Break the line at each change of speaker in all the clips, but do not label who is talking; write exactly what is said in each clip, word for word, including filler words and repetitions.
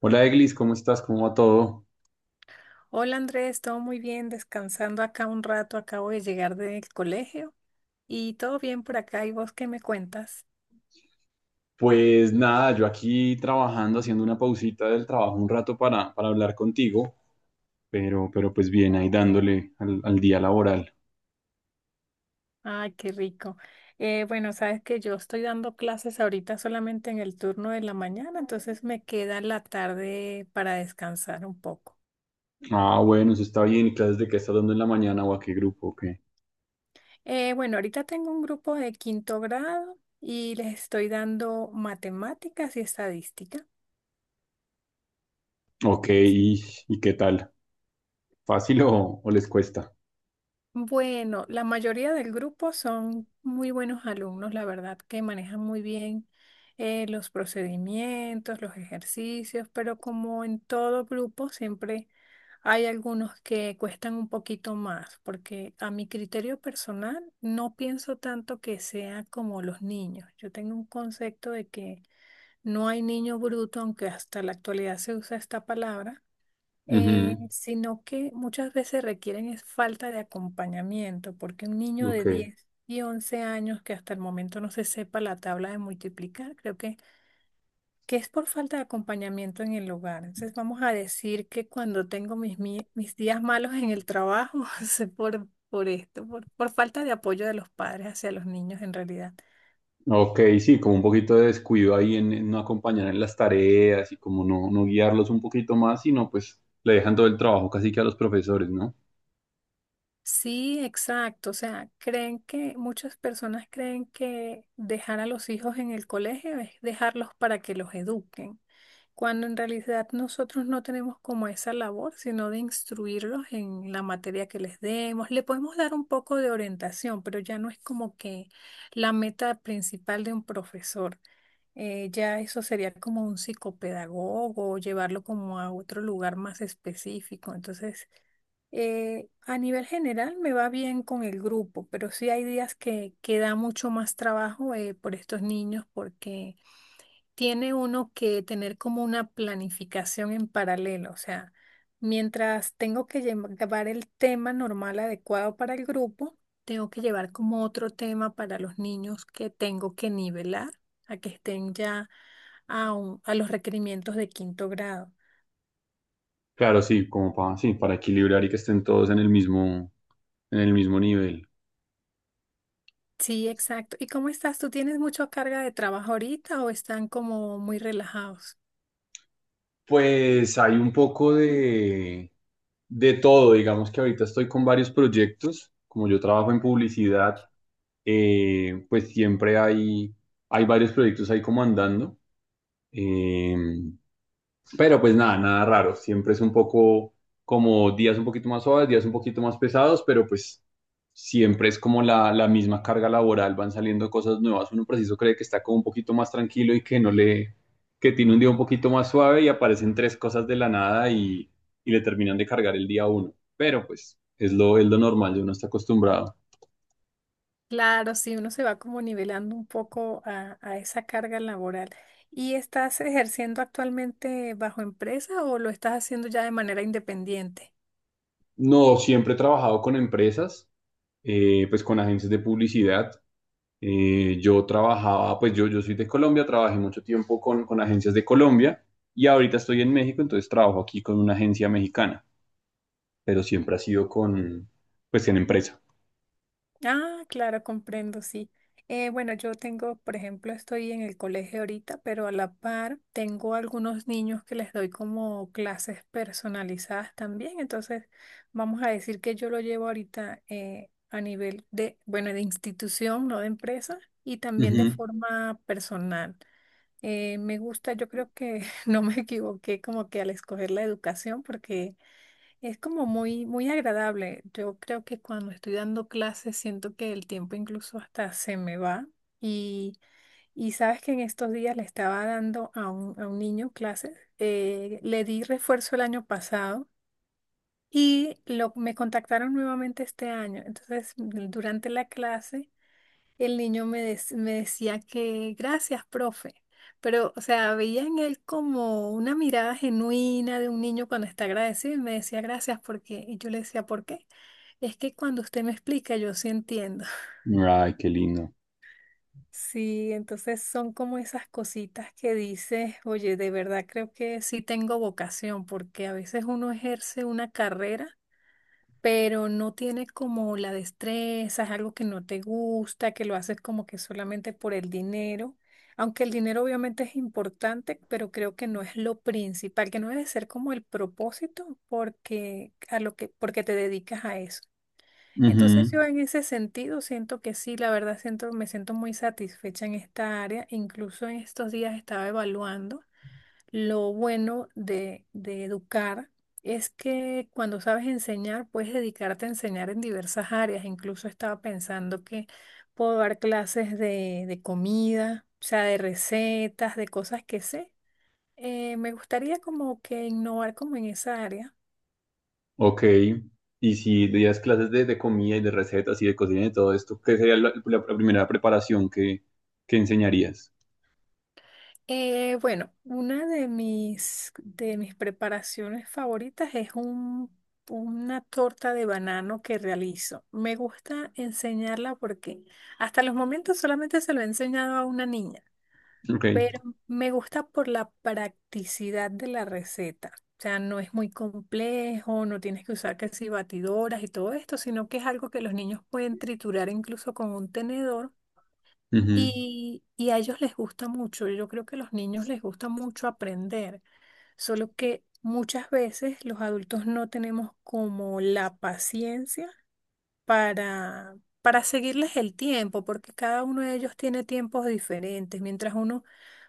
Hola Eglis, ¿cómo estás? ¿Cómo va todo?
Hola Andrés, todo muy bien, descansando acá un rato, acabo de llegar del colegio y todo bien por acá. ¿Y vos qué me cuentas?
Pues nada, yo aquí trabajando, haciendo una pausita del trabajo un rato para, para hablar contigo, pero, pero pues bien, ahí dándole al, al día laboral.
Ay, qué rico. Eh, bueno, sabes que yo estoy dando clases ahorita solamente en el turno de la mañana, entonces me queda la tarde para descansar un poco.
Ah, bueno, eso está bien. ¿Y clases de qué estás dando en la mañana o a qué grupo? ¿O qué?
Eh, bueno, ahorita tengo un grupo de quinto grado y les estoy dando matemáticas y estadística.
Ok,
Sí.
¿y, ¿y qué tal? ¿Fácil o, o les cuesta?
Bueno, la mayoría del grupo son muy buenos alumnos, la verdad, que manejan muy bien eh, los procedimientos, los ejercicios, pero como en todo grupo, siempre hay algunos que cuestan un poquito más, porque a mi criterio personal no pienso tanto que sea como los niños. Yo tengo un concepto de que no hay niño bruto, aunque hasta la actualidad se usa esta palabra, eh,
Ujú.
sino que muchas veces requieren es falta de acompañamiento, porque un niño
Ok.
de diez y once años que hasta el momento no se sepa la tabla de multiplicar, creo que, que es por falta de acompañamiento en el hogar. Entonces vamos a decir que cuando tengo mis, mi- mis días malos en el trabajo, es por, por esto, por, por falta de apoyo de los padres hacia los niños en realidad.
Ok, sí, como un poquito de descuido ahí en, en no acompañar en las tareas y como no, no guiarlos un poquito más, sino pues le dejan todo el trabajo casi que a los profesores, ¿no?
Sí, exacto. O sea, creen que muchas personas creen que dejar a los hijos en el colegio es dejarlos para que los eduquen, cuando en realidad nosotros no tenemos como esa labor, sino de instruirlos en la materia que les demos. Le podemos dar un poco de orientación, pero ya no es como que la meta principal de un profesor. Eh, ya eso sería como un psicopedagogo, llevarlo como a otro lugar más específico. Entonces, eh, a nivel general me va bien con el grupo, pero sí hay días que, que da mucho más trabajo, eh, por estos niños porque tiene uno que tener como una planificación en paralelo. O sea, mientras tengo que llevar el tema normal adecuado para el grupo, tengo que llevar como otro tema para los niños que tengo que nivelar a que estén ya a, un- a los requerimientos de quinto grado.
Claro, sí, como para, sí, para equilibrar y que estén todos en el mismo, en el mismo nivel.
Sí, exacto. ¿Y cómo estás? ¿Tú tienes mucha carga de trabajo ahorita o están como muy relajados?
Pues hay un poco de, de todo, digamos que ahorita estoy con varios proyectos, como yo trabajo en publicidad. Eh, pues siempre hay, hay varios proyectos ahí como andando. Eh, Pero pues nada, nada raro. Siempre es un poco como días un poquito más suaves, días un poquito más pesados, pero pues siempre es como la, la misma carga laboral, van saliendo cosas nuevas. Uno preciso cree que está como un poquito más tranquilo y que no le, que tiene un día un poquito más suave y aparecen tres cosas de la nada y, y le terminan de cargar el día a uno. Pero pues es lo, es lo normal, uno está acostumbrado.
Claro, sí, uno se va como nivelando un poco a, a esa carga laboral. ¿Y estás ejerciendo actualmente bajo empresa o lo estás haciendo ya de manera independiente?
No, siempre he trabajado con empresas, eh, pues con agencias de publicidad. Eh, yo trabajaba, pues yo, yo soy de Colombia, trabajé mucho tiempo con, con agencias de Colombia y ahorita estoy en México, entonces trabajo aquí con una agencia mexicana, pero siempre ha sido con, pues en empresa.
Ah, claro, comprendo, sí. Eh, bueno, yo tengo, por ejemplo, estoy en el colegio ahorita, pero a la par tengo algunos niños que les doy como clases personalizadas también. Entonces, vamos a decir que yo lo llevo ahorita, eh, a nivel de, bueno, de institución, no de empresa, y también de
Ujú.
forma personal. Eh, me gusta, yo creo que no me equivoqué como que al escoger la educación, porque es como muy, muy agradable. Yo creo que cuando estoy dando clases siento que el tiempo incluso hasta se me va. Y, y sabes que en estos días le estaba dando a un, a un niño clases. Eh, le di refuerzo el año pasado y lo, me contactaron nuevamente este año. Entonces, durante la clase, el niño me, dec- me decía que gracias, profe. Pero, o sea, veía en él como una mirada genuina de un niño cuando está agradecido y me decía gracias porque, y yo le decía, ¿por qué? Es que cuando usted me explica, yo sí entiendo.
Ay, qué lindo.
Sí, entonces son como esas cositas que dices, oye, de verdad creo que sí tengo vocación, porque a veces uno ejerce una carrera pero no tiene como la destreza, es algo que no te gusta, que lo haces como que solamente por el dinero. Aunque el dinero obviamente es importante, pero creo que no es lo principal, que no debe ser como el propósito porque a lo que porque te dedicas a eso. Entonces
Ujú.
yo en ese sentido siento que sí, la verdad siento me siento muy satisfecha en esta área. Incluso en estos días estaba evaluando lo bueno de, de educar es que cuando sabes enseñar, puedes dedicarte a enseñar en diversas áreas. Incluso estaba pensando que puedo dar clases de, de comida, o sea, de recetas, de cosas que sé. Eh, me gustaría como que innovar como en esa área.
Ok. Y si días clases de, de comida y de recetas y de cocina y todo esto, ¿qué sería la, la- primera preparación que, que enseñarías?
Eh, bueno, una de mis, de mis preparaciones favoritas es un, una torta de banano que realizo. Me gusta enseñarla porque hasta los momentos solamente se lo he enseñado a una niña,
Ok.
pero me gusta por la practicidad de la receta. O sea, no es muy complejo, no tienes que usar casi batidoras y todo esto, sino que es algo que los niños pueden triturar incluso con un tenedor
Ujú.
y, y a ellos les gusta mucho. Yo creo que a los niños les gusta mucho aprender, solo que muchas veces los adultos no tenemos como la paciencia para, para seguirles el tiempo, porque cada uno de ellos tiene tiempos diferentes. Mientras uno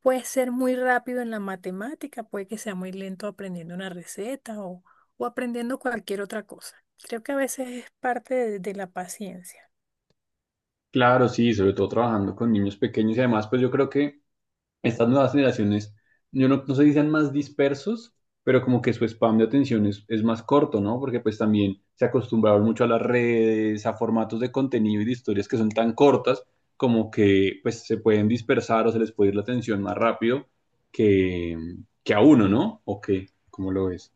puede ser muy rápido en la matemática, puede que sea muy lento aprendiendo una receta o, o aprendiendo cualquier otra cosa. Creo que a veces es parte de de la paciencia.
Claro, sí, sobre todo trabajando con niños pequeños y además, pues yo creo que estas nuevas generaciones, yo no, no sé si sean más dispersos, pero como que su spam de atención es, es más corto, ¿no? Porque pues también se acostumbraron mucho a las redes, a formatos de contenido y de historias que son tan cortas como que pues se pueden dispersar o se les puede ir la atención más rápido que, que a uno, ¿no? ¿O qué? ¿Cómo lo ves?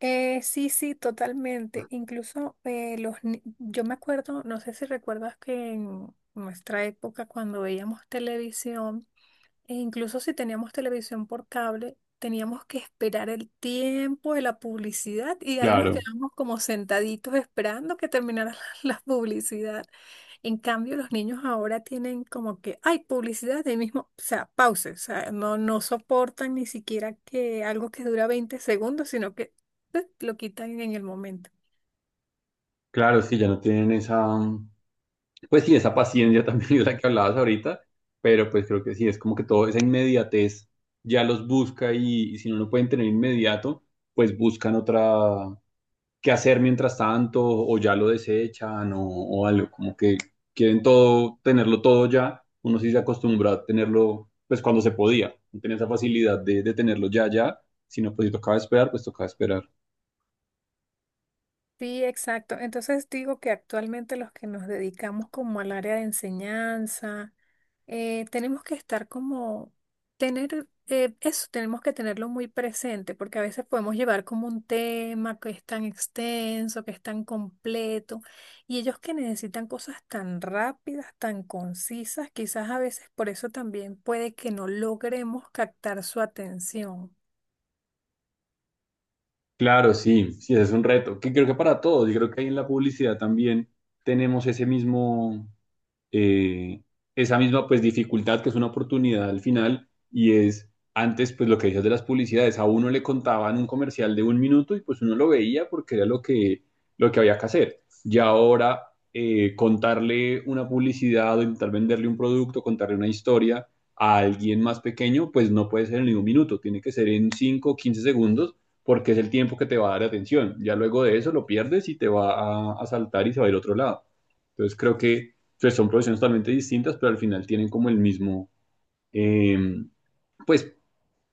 Eh, sí, sí, totalmente. Incluso eh, los, ni- yo me acuerdo, no sé si recuerdas que en nuestra época cuando veíamos televisión, e incluso si teníamos televisión por cable, teníamos que esperar el tiempo de la publicidad y ahí nos
Claro,
quedamos como sentaditos esperando que terminara la, la publicidad. En cambio, los niños ahora tienen como que hay publicidad de ahí mismo, o sea, pause, o sea, no, no soportan ni siquiera que algo que dura veinte segundos, sino que eh, lo quitan en el momento.
claro, es que ya no tienen esa... Pues sí, esa paciencia también es la que hablabas ahorita, pero pues creo que sí, es como que toda esa inmediatez ya los busca y, y si no lo pueden tener inmediato, pues buscan otra qué hacer mientras tanto o ya lo desechan o, o algo, como que quieren todo, tenerlo todo ya, uno sí se acostumbró a tenerlo pues cuando se podía, no tenía esa facilidad de, de tenerlo ya, ya, si no pues si tocaba esperar, pues tocaba esperar.
Sí, exacto. Entonces digo que actualmente los que nos dedicamos como al área de enseñanza, eh, tenemos que estar como, tener, eh, eso tenemos que tenerlo muy presente, porque a veces podemos llevar como un tema que es tan extenso, que es tan completo, y ellos que necesitan cosas tan rápidas, tan concisas, quizás a veces por eso también puede que no logremos captar su atención.
Claro, sí, sí, ese es un reto, que creo que para todos, y creo que ahí en la publicidad también tenemos ese mismo, eh, esa misma pues dificultad que es una oportunidad al final y es antes pues lo que decías de las publicidades, a uno le contaban un comercial de un minuto y pues uno lo veía porque era lo que, lo que había que hacer. Y ahora eh, contarle una publicidad o intentar venderle un producto, contarle una historia a alguien más pequeño, pues no puede ser en ningún minuto, tiene que ser en cinco o quince segundos porque es el tiempo que te va a dar atención. Ya luego de eso lo pierdes y te va a, a saltar y se va a ir a otro lado. Entonces creo que pues son profesiones totalmente distintas, pero al final tienen como el mismo, eh, pues,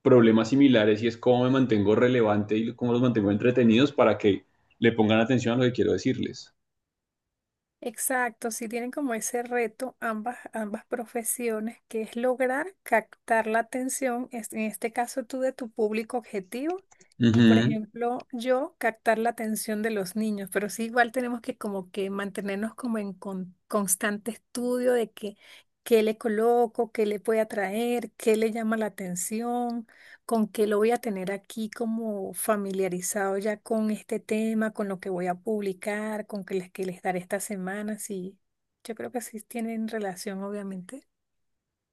problemas similares y es cómo me mantengo relevante y cómo los mantengo entretenidos para que le pongan atención a lo que quiero decirles.
Exacto, sí tienen como ese reto ambas, ambas profesiones, que es lograr captar la atención, es- en este caso tú de tu público objetivo y por
Ujú.
ejemplo yo captar la atención de los niños, pero sí igual tenemos que como que mantenernos como en con- constante estudio de que, qué le coloco, qué le puede atraer, qué le llama la atención, con qué lo voy a tener aquí como familiarizado ya con este tema, con lo que voy a publicar, con que les, que les daré esta semana, sí. Yo creo que sí tienen relación, obviamente.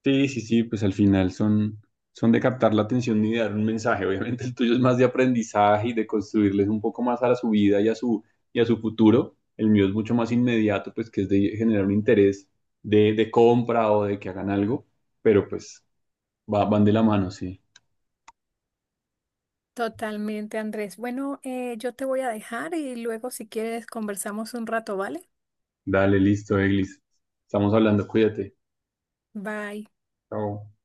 Sí, sí, sí, pues al final son, son de captar la atención y de dar un mensaje. Obviamente el tuyo es más de aprendizaje y de construirles un poco más a la su vida y a su, y a su futuro. El mío es mucho más inmediato, pues que es de generar un interés de, de compra o de que hagan algo, pero pues va- van de la mano, sí.
Totalmente, Andrés. Bueno, eh, yo te voy a dejar y luego si quieres conversamos un rato, ¿vale?
Dale, listo, Eglis. Estamos hablando, cuídate.
Bye.
Chao.